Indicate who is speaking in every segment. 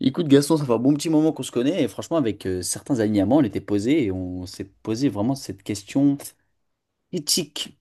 Speaker 1: Écoute, Gaston, ça fait un bon petit moment qu'on se connaît et franchement, avec certains alignements, on était posé et on s'est posé vraiment cette question éthique,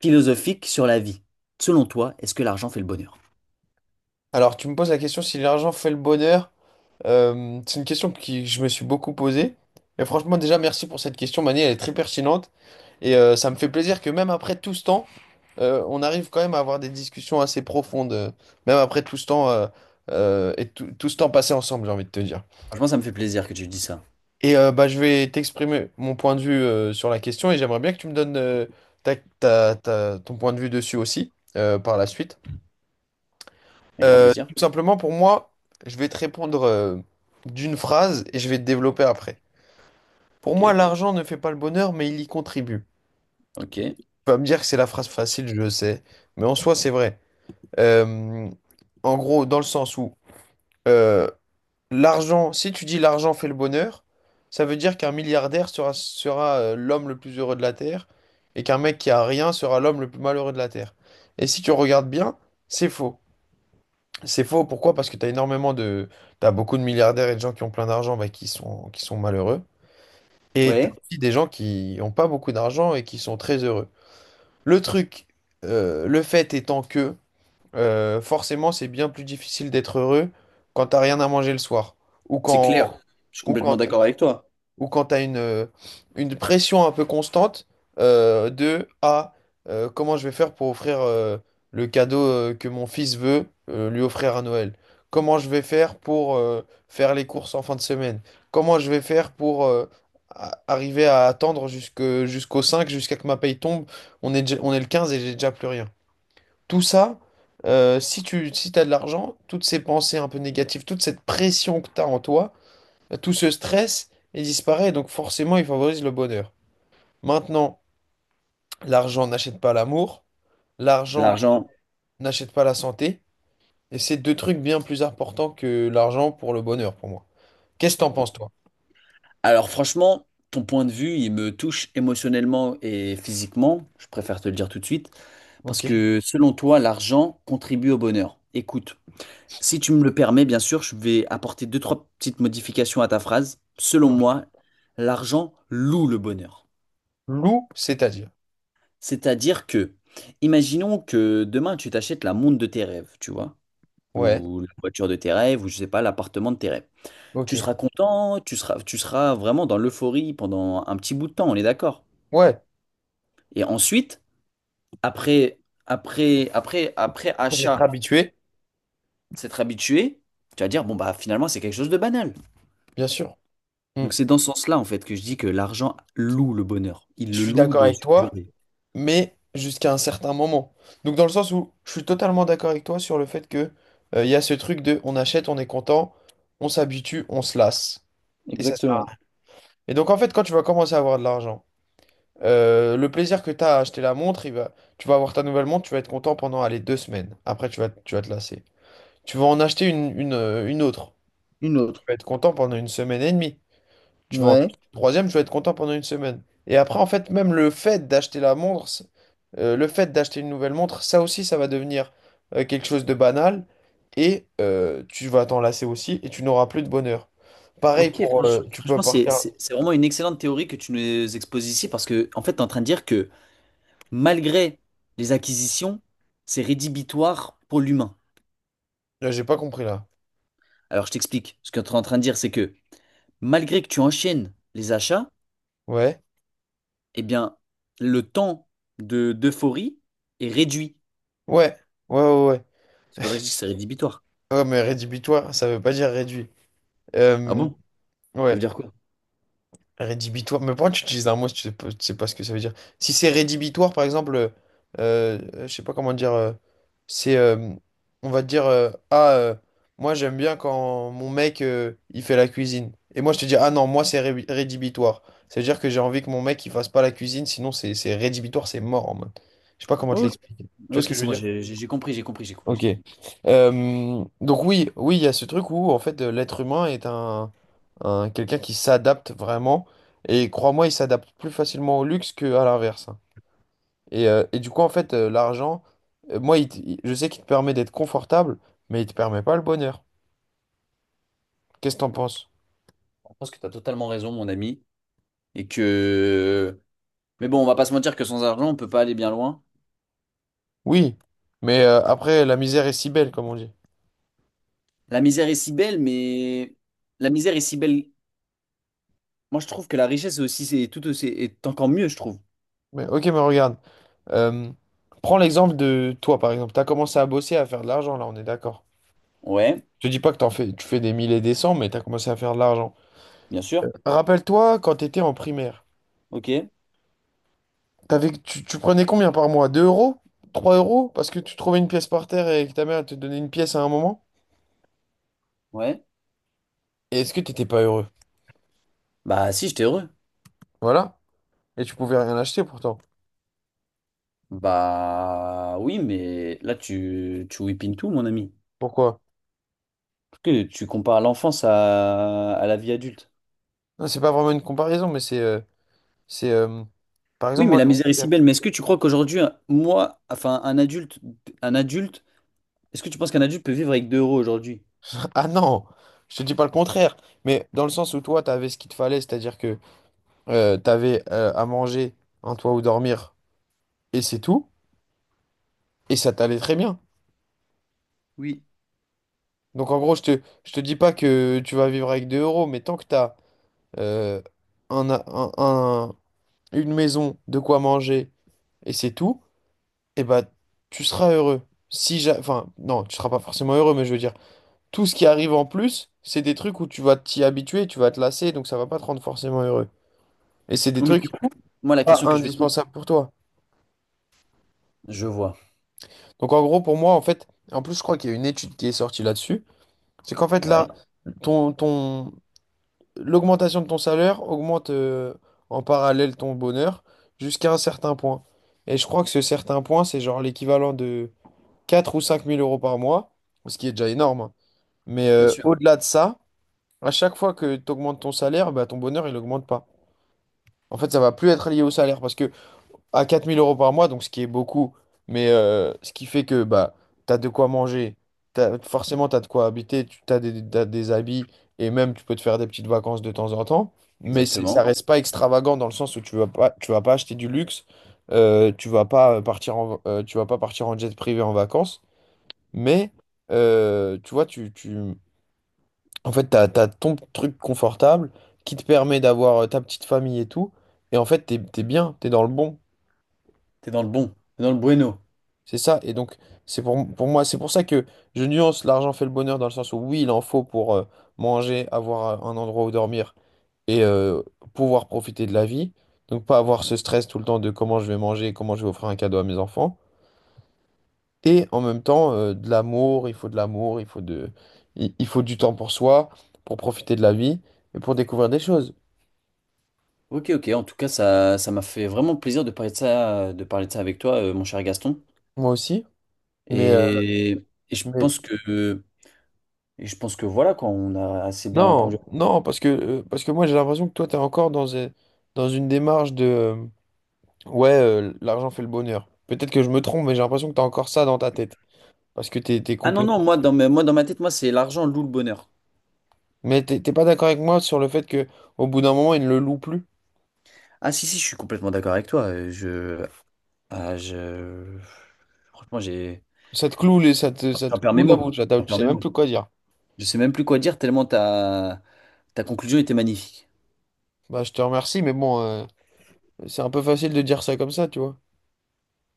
Speaker 1: philosophique sur la vie. Selon toi, est-ce que l'argent fait le bonheur?
Speaker 2: Alors, tu me poses la question si l'argent fait le bonheur. C'est une question qui je me suis beaucoup posée. Et franchement, déjà, merci pour cette question, Mani, elle est très pertinente. Et ça me fait plaisir que même après tout ce temps, on arrive quand même à avoir des discussions assez profondes, même après tout ce temps et tout ce temps passé ensemble, j'ai envie de te dire.
Speaker 1: Franchement, ça me fait plaisir que tu dis ça.
Speaker 2: Et bah, je vais t'exprimer mon point de vue sur la question et j'aimerais bien que tu me donnes ton point de vue dessus aussi par la suite.
Speaker 1: Avec grand
Speaker 2: Tout
Speaker 1: plaisir.
Speaker 2: simplement, pour moi, je vais te répondre d'une phrase et je vais te développer après. Pour moi,
Speaker 1: Ok,
Speaker 2: l'argent ne fait pas le bonheur, mais il y contribue.
Speaker 1: ok.
Speaker 2: Tu vas me dire que c'est la phrase facile, je le sais, mais en soi, c'est vrai. Euh, En gros, dans le sens où euh, l'argent, si tu dis l'argent fait le bonheur, ça veut dire qu'un milliardaire sera l'homme le plus heureux de la Terre et qu'un mec qui a rien sera l'homme le plus malheureux de la Terre. Et si tu regardes bien, c'est faux. C'est faux, pourquoi? Parce que tu as énormément de. T'as beaucoup de milliardaires et de gens qui ont plein d'argent, bah, qui sont malheureux. Et t'as
Speaker 1: Ouais,
Speaker 2: aussi des gens qui n'ont pas beaucoup d'argent et qui sont très heureux. Le truc, le fait étant que forcément, c'est bien plus difficile d'être heureux quand t'as rien à manger le soir. Ou
Speaker 1: c'est clair.
Speaker 2: quand,
Speaker 1: Je suis
Speaker 2: ou
Speaker 1: complètement
Speaker 2: quand
Speaker 1: d'accord avec toi.
Speaker 2: ou quand tu as une pression un peu constante. euh, de ah, Comment je vais faire pour offrir le cadeau que mon fils veut lui offrir à Noël? Comment je vais faire pour faire les courses en fin de semaine? Comment je vais faire pour arriver à attendre jusqu'au 5, jusqu'à que ma paye tombe? On est le 15 et j'ai déjà plus rien. Tout ça, si t'as de l'argent, toutes ces pensées un peu négatives, toute cette pression que tu as en toi, tout ce stress, il disparaît, donc forcément, il favorise le bonheur. Maintenant, l'argent n'achète pas l'amour, l'argent
Speaker 1: L'argent.
Speaker 2: n'achète pas la santé, et c'est deux trucs bien plus importants que l'argent pour le bonheur, pour moi. Qu'est-ce que t'en penses, toi?
Speaker 1: Alors franchement, ton point de vue, il me touche émotionnellement et physiquement. Je préfère te le dire tout de suite. Parce
Speaker 2: Ok.
Speaker 1: que selon toi, l'argent contribue au bonheur. Écoute. Si tu me le permets, bien sûr, je vais apporter deux, trois petites modifications à ta phrase. Selon
Speaker 2: Ok.
Speaker 1: moi, l'argent loue le bonheur.
Speaker 2: Loup, c'est-à-dire.
Speaker 1: C'est-à-dire que, imaginons que demain tu t'achètes la montre de tes rêves, tu vois,
Speaker 2: Ouais,
Speaker 1: ou la voiture de tes rêves, ou je sais pas, l'appartement de tes rêves. Tu
Speaker 2: ok.
Speaker 1: seras content, tu seras vraiment dans l'euphorie pendant un petit bout de temps, on est d'accord.
Speaker 2: Ouais,
Speaker 1: Et ensuite, après, après
Speaker 2: après c'est être
Speaker 1: achat,
Speaker 2: habitué,
Speaker 1: s'être habitué, tu vas dire, bon bah finalement c'est quelque chose de banal.
Speaker 2: bien sûr. Hmm.
Speaker 1: Donc c'est dans ce sens-là, en fait, que je dis que l'argent loue le bonheur. Il
Speaker 2: Je
Speaker 1: le
Speaker 2: suis
Speaker 1: loue
Speaker 2: d'accord
Speaker 1: dans
Speaker 2: avec
Speaker 1: une
Speaker 2: toi,
Speaker 1: durée.
Speaker 2: mais jusqu'à un certain moment. Donc dans le sens où je suis totalement d'accord avec toi sur le fait que il y a ce truc de on achète, on est content, on s'habitue, on se lasse. Et ça sert à
Speaker 1: Exactement.
Speaker 2: rien. Et donc, en fait, quand tu vas commencer à avoir de l'argent, le plaisir que tu as à acheter la montre, tu vas avoir ta nouvelle montre, tu vas être content pendant, les 2 semaines. Après, tu vas te lasser. Tu vas en acheter une autre.
Speaker 1: Une
Speaker 2: Tu
Speaker 1: autre.
Speaker 2: vas être content pendant une semaine et demie. Tu vas en
Speaker 1: Ouais.
Speaker 2: acheter une troisième, tu vas être content pendant une semaine. Et après, en fait, même le fait d'acheter la montre, le fait d'acheter une nouvelle montre, ça aussi, ça va devenir quelque chose de banal. Et tu vas t'en lasser aussi et tu n'auras plus de bonheur. Pareil
Speaker 1: Ok,
Speaker 2: pour. Tu peux
Speaker 1: franchement,
Speaker 2: partir.
Speaker 1: c'est vraiment une excellente théorie que tu nous exposes ici parce que, en fait, tu es en train de dire que malgré les acquisitions, c'est rédhibitoire pour l'humain.
Speaker 2: J'ai pas compris là.
Speaker 1: Alors, je t'explique. Ce que tu es en train de dire, c'est que malgré que tu enchaînes les achats,
Speaker 2: Ouais,
Speaker 1: eh bien, le temps de d'euphorie est réduit.
Speaker 2: ouais, ouais, ouais, ouais.
Speaker 1: C'est pour ça que je dis que c'est rédhibitoire.
Speaker 2: Ouais, mais rédhibitoire, ça veut pas dire réduit.
Speaker 1: Ah
Speaker 2: Euh,
Speaker 1: bon? Ça veut
Speaker 2: ouais,
Speaker 1: dire quoi?
Speaker 2: rédhibitoire. Mais pourquoi tu utilises un mot si tu sais pas ce que ça veut dire? Si c'est rédhibitoire, par exemple, je sais pas comment dire, c'est, on va te dire, moi j'aime bien quand mon mec, il fait la cuisine. Et moi je te dis, ah non, moi rédhibitoire. Ça veut dire que j'ai envie que mon mec, il fasse pas la cuisine, sinon c'est rédhibitoire, c'est mort en mode. Je sais pas comment te
Speaker 1: Ok,
Speaker 2: l'expliquer. Tu vois ce
Speaker 1: ok,
Speaker 2: que je
Speaker 1: c'est
Speaker 2: veux
Speaker 1: moi,
Speaker 2: dire?
Speaker 1: j'ai compris, j'ai compris, j'ai compris, j'ai
Speaker 2: Ok.
Speaker 1: compris.
Speaker 2: Donc oui, oui, il y a ce truc où en fait l'être humain est quelqu'un qui s'adapte vraiment et crois-moi, il s'adapte plus facilement au luxe qu'à l'inverse. Hein. Et du coup en fait l'argent, moi je sais qu'il te permet d'être confortable, mais il te permet pas le bonheur. Qu'est-ce que t'en penses?
Speaker 1: Je pense que tu as totalement raison, mon ami. Et que. Mais bon, on va pas se mentir que sans argent, on peut pas aller bien loin.
Speaker 2: Oui, mais après la misère est si belle comme on dit.
Speaker 1: La misère est si belle, mais. La misère est si belle. Moi, je trouve que la richesse est aussi, c'est tout aussi, est encore mieux, je trouve.
Speaker 2: Mais ok, mais regarde, euh, prends l'exemple de toi par exemple. T'as commencé à bosser à faire de l'argent là, on est d'accord.
Speaker 1: Ouais,
Speaker 2: Je te dis pas que t'en fais, tu fais des mille et des cents, mais t'as commencé à faire de l'argent.
Speaker 1: bien sûr.
Speaker 2: Rappelle-toi quand t'étais en primaire.
Speaker 1: Ok,
Speaker 2: Tu prenais combien par mois? 2 euros? 3 euros? Parce que tu trouvais une pièce par terre et que ta mère te donnait une pièce à un moment?
Speaker 1: ouais.
Speaker 2: Et est-ce que t'étais pas heureux?
Speaker 1: Bah, si, j'étais heureux.
Speaker 2: Voilà. Et tu pouvais rien acheter pourtant.
Speaker 1: Bah, oui, mais là, tu whippines tout, mon ami.
Speaker 2: Pourquoi?
Speaker 1: Parce que tu compares l'enfance à la vie adulte.
Speaker 2: Non, c'est pas vraiment une comparaison, mais c'est. Par
Speaker 1: Oui,
Speaker 2: exemple,
Speaker 1: mais
Speaker 2: moi,
Speaker 1: la
Speaker 2: je
Speaker 1: misère
Speaker 2: sais
Speaker 1: est
Speaker 2: qu'il y
Speaker 1: si
Speaker 2: a-
Speaker 1: belle. Mais est-ce que tu crois qu'aujourd'hui, moi, enfin, un adulte, est-ce que tu penses qu'un adulte peut vivre avec 2 euros aujourd'hui?
Speaker 2: Ah non! Je te dis pas le contraire. Mais dans le sens où toi, t'avais ce qu'il te fallait, c'est-à-dire que t'avais à manger, un toit où dormir, et c'est tout. Et ça t'allait très bien.
Speaker 1: Oui.
Speaker 2: Donc en gros, je te dis pas que tu vas vivre avec 2 euros, mais tant que t'as euh, un, a- un- un- une maison, de quoi manger, et c'est tout, et bah tu seras heureux. Si ja- Enfin, non, tu seras pas forcément heureux, mais je veux dire, tout ce qui arrive en plus, c'est des trucs où tu vas t'y habituer, tu vas te lasser, donc ça va pas te rendre forcément heureux. Et c'est des
Speaker 1: Oui, mais du
Speaker 2: trucs
Speaker 1: coup, moi, la
Speaker 2: pas
Speaker 1: question que je vais te
Speaker 2: indispensables pour toi.
Speaker 1: Je vois.
Speaker 2: Donc en gros, pour moi, en fait, en plus, je crois qu'il y a une étude qui est sortie là-dessus, c'est qu'en fait, là,
Speaker 1: Ouais,
Speaker 2: ton, ton, l'augmentation de ton salaire augmente en parallèle ton bonheur jusqu'à un certain point. Et je crois que ce certain point, c'est genre l'équivalent de 4 000 ou 5 000 € par mois, ce qui est déjà énorme. Hein. Mais
Speaker 1: bien sûr.
Speaker 2: au-delà de ça, à chaque fois que tu augmentes ton salaire, bah, ton bonheur, il augmente pas. En fait, ça va plus être lié au salaire parce que à 4 000 € par mois, donc ce qui est beaucoup, mais ce qui fait que bah, tu as de quoi manger, t'as, forcément tu as de quoi habiter, t'as des habits et même tu peux te faire des petites vacances de temps en temps, mais ça
Speaker 1: Exactement.
Speaker 2: reste pas extravagant dans le sens où tu vas pas acheter du luxe, tu vas pas partir en jet privé en vacances, mais tu vois, en fait, tu as, ton truc confortable qui te permet d'avoir ta petite famille et tout, et en fait, tu es bien, tu es dans le bon.
Speaker 1: T'es dans le bon. T'es dans le bueno.
Speaker 2: C'est ça, et donc pour moi, c'est pour ça que je nuance l'argent fait le bonheur dans le sens où oui, il en faut pour manger, avoir un endroit où dormir et pouvoir profiter de la vie. Donc pas avoir ce stress tout le temps de comment je vais manger, comment je vais offrir un cadeau à mes enfants. Et en même temps, de l'amour, il faut de l'amour, il faut du temps pour soi, pour profiter de la vie et pour découvrir des choses.
Speaker 1: Ok, ok. En tout cas, ça m'a fait vraiment plaisir de parler de ça, de parler de ça avec toi, mon cher Gaston.
Speaker 2: Moi aussi, mais, euh,
Speaker 1: Et, et je
Speaker 2: mais
Speaker 1: pense que, et je pense que voilà, quoi, on a assez bien répondu.
Speaker 2: non, non, parce que moi j'ai l'impression que toi, tu es encore dans une démarche de. Ouais, l'argent fait le bonheur. Peut-être que je me trompe, mais j'ai l'impression que t'as encore ça dans ta tête. Parce que t'es
Speaker 1: Ah non,
Speaker 2: complet.
Speaker 1: non, moi, dans ma tête, moi, c'est l'argent loue le bonheur.
Speaker 2: Mais t'es pas d'accord avec moi sur le fait que au bout d'un moment, il ne le loue plus.
Speaker 1: Ah si, si, je suis complètement d'accord avec toi. Je, Ah, je... Franchement, j'ai...
Speaker 2: Ça te cloue les, ça te
Speaker 1: J'en perds
Speaker 2: cloue
Speaker 1: mes
Speaker 2: la
Speaker 1: mots.
Speaker 2: bouche, là,
Speaker 1: J'en
Speaker 2: tu
Speaker 1: perds
Speaker 2: sais
Speaker 1: mes
Speaker 2: même
Speaker 1: mots.
Speaker 2: plus quoi dire.
Speaker 1: Je sais même plus quoi dire tellement ta, ta conclusion était magnifique.
Speaker 2: Bah, je te remercie, mais bon, c'est un peu facile de dire ça comme ça, tu vois.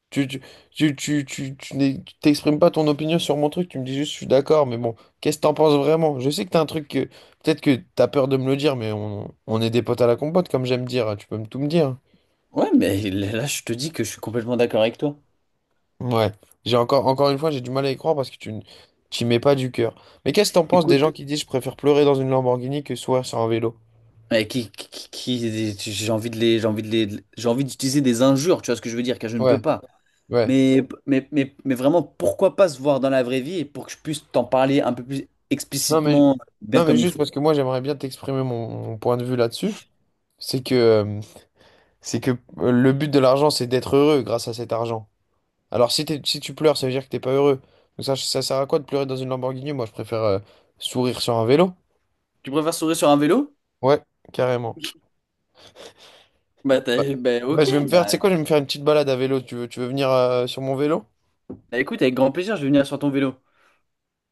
Speaker 2: Tu, tu, Tu t'exprimes pas ton opinion sur mon truc, tu me dis juste je suis d'accord, mais bon, qu'est-ce que t'en penses vraiment? Je sais que t'as un truc que peut-être que t'as peur de me le dire, mais on est des potes à la compote, comme j'aime dire, tu peux me tout me dire.
Speaker 1: Ouais, mais là, je te dis que je suis complètement d'accord avec toi.
Speaker 2: Ouais, j'ai encore une fois, j'ai du mal à y croire parce que t'y mets pas du cœur. Mais qu'est-ce que t'en penses des
Speaker 1: Écoute,
Speaker 2: gens qui disent je préfère pleurer dans une Lamborghini que sourire sur un vélo?
Speaker 1: j'ai envie de les, j'ai envie de les, j'ai envie d'utiliser des injures, tu vois ce que je veux dire, car je ne
Speaker 2: Ouais,
Speaker 1: peux pas.
Speaker 2: ouais.
Speaker 1: Mais vraiment, pourquoi pas se voir dans la vraie vie et pour que je puisse t'en parler un peu plus
Speaker 2: Non mais,
Speaker 1: explicitement, bien
Speaker 2: non mais
Speaker 1: comme il
Speaker 2: juste
Speaker 1: faut.
Speaker 2: parce que moi j'aimerais bien t'exprimer mon point de vue là-dessus. C'est que, euh, c'est que le but de l'argent c'est d'être heureux grâce à cet argent. Alors si tu pleures, ça veut dire que t'es pas heureux. Donc ça sert à quoi de pleurer dans une Lamborghini? Moi je préfère sourire sur un vélo.
Speaker 1: Tu préfères sourire sur un vélo?
Speaker 2: Ouais, carrément. Bah,
Speaker 1: Bah,
Speaker 2: bah,
Speaker 1: ok,
Speaker 2: je vais me faire, tu sais
Speaker 1: bah,
Speaker 2: quoi, je vais me faire une petite balade à vélo. Tu veux venir sur mon vélo?
Speaker 1: bah, écoute, avec grand plaisir, je vais venir sur ton vélo.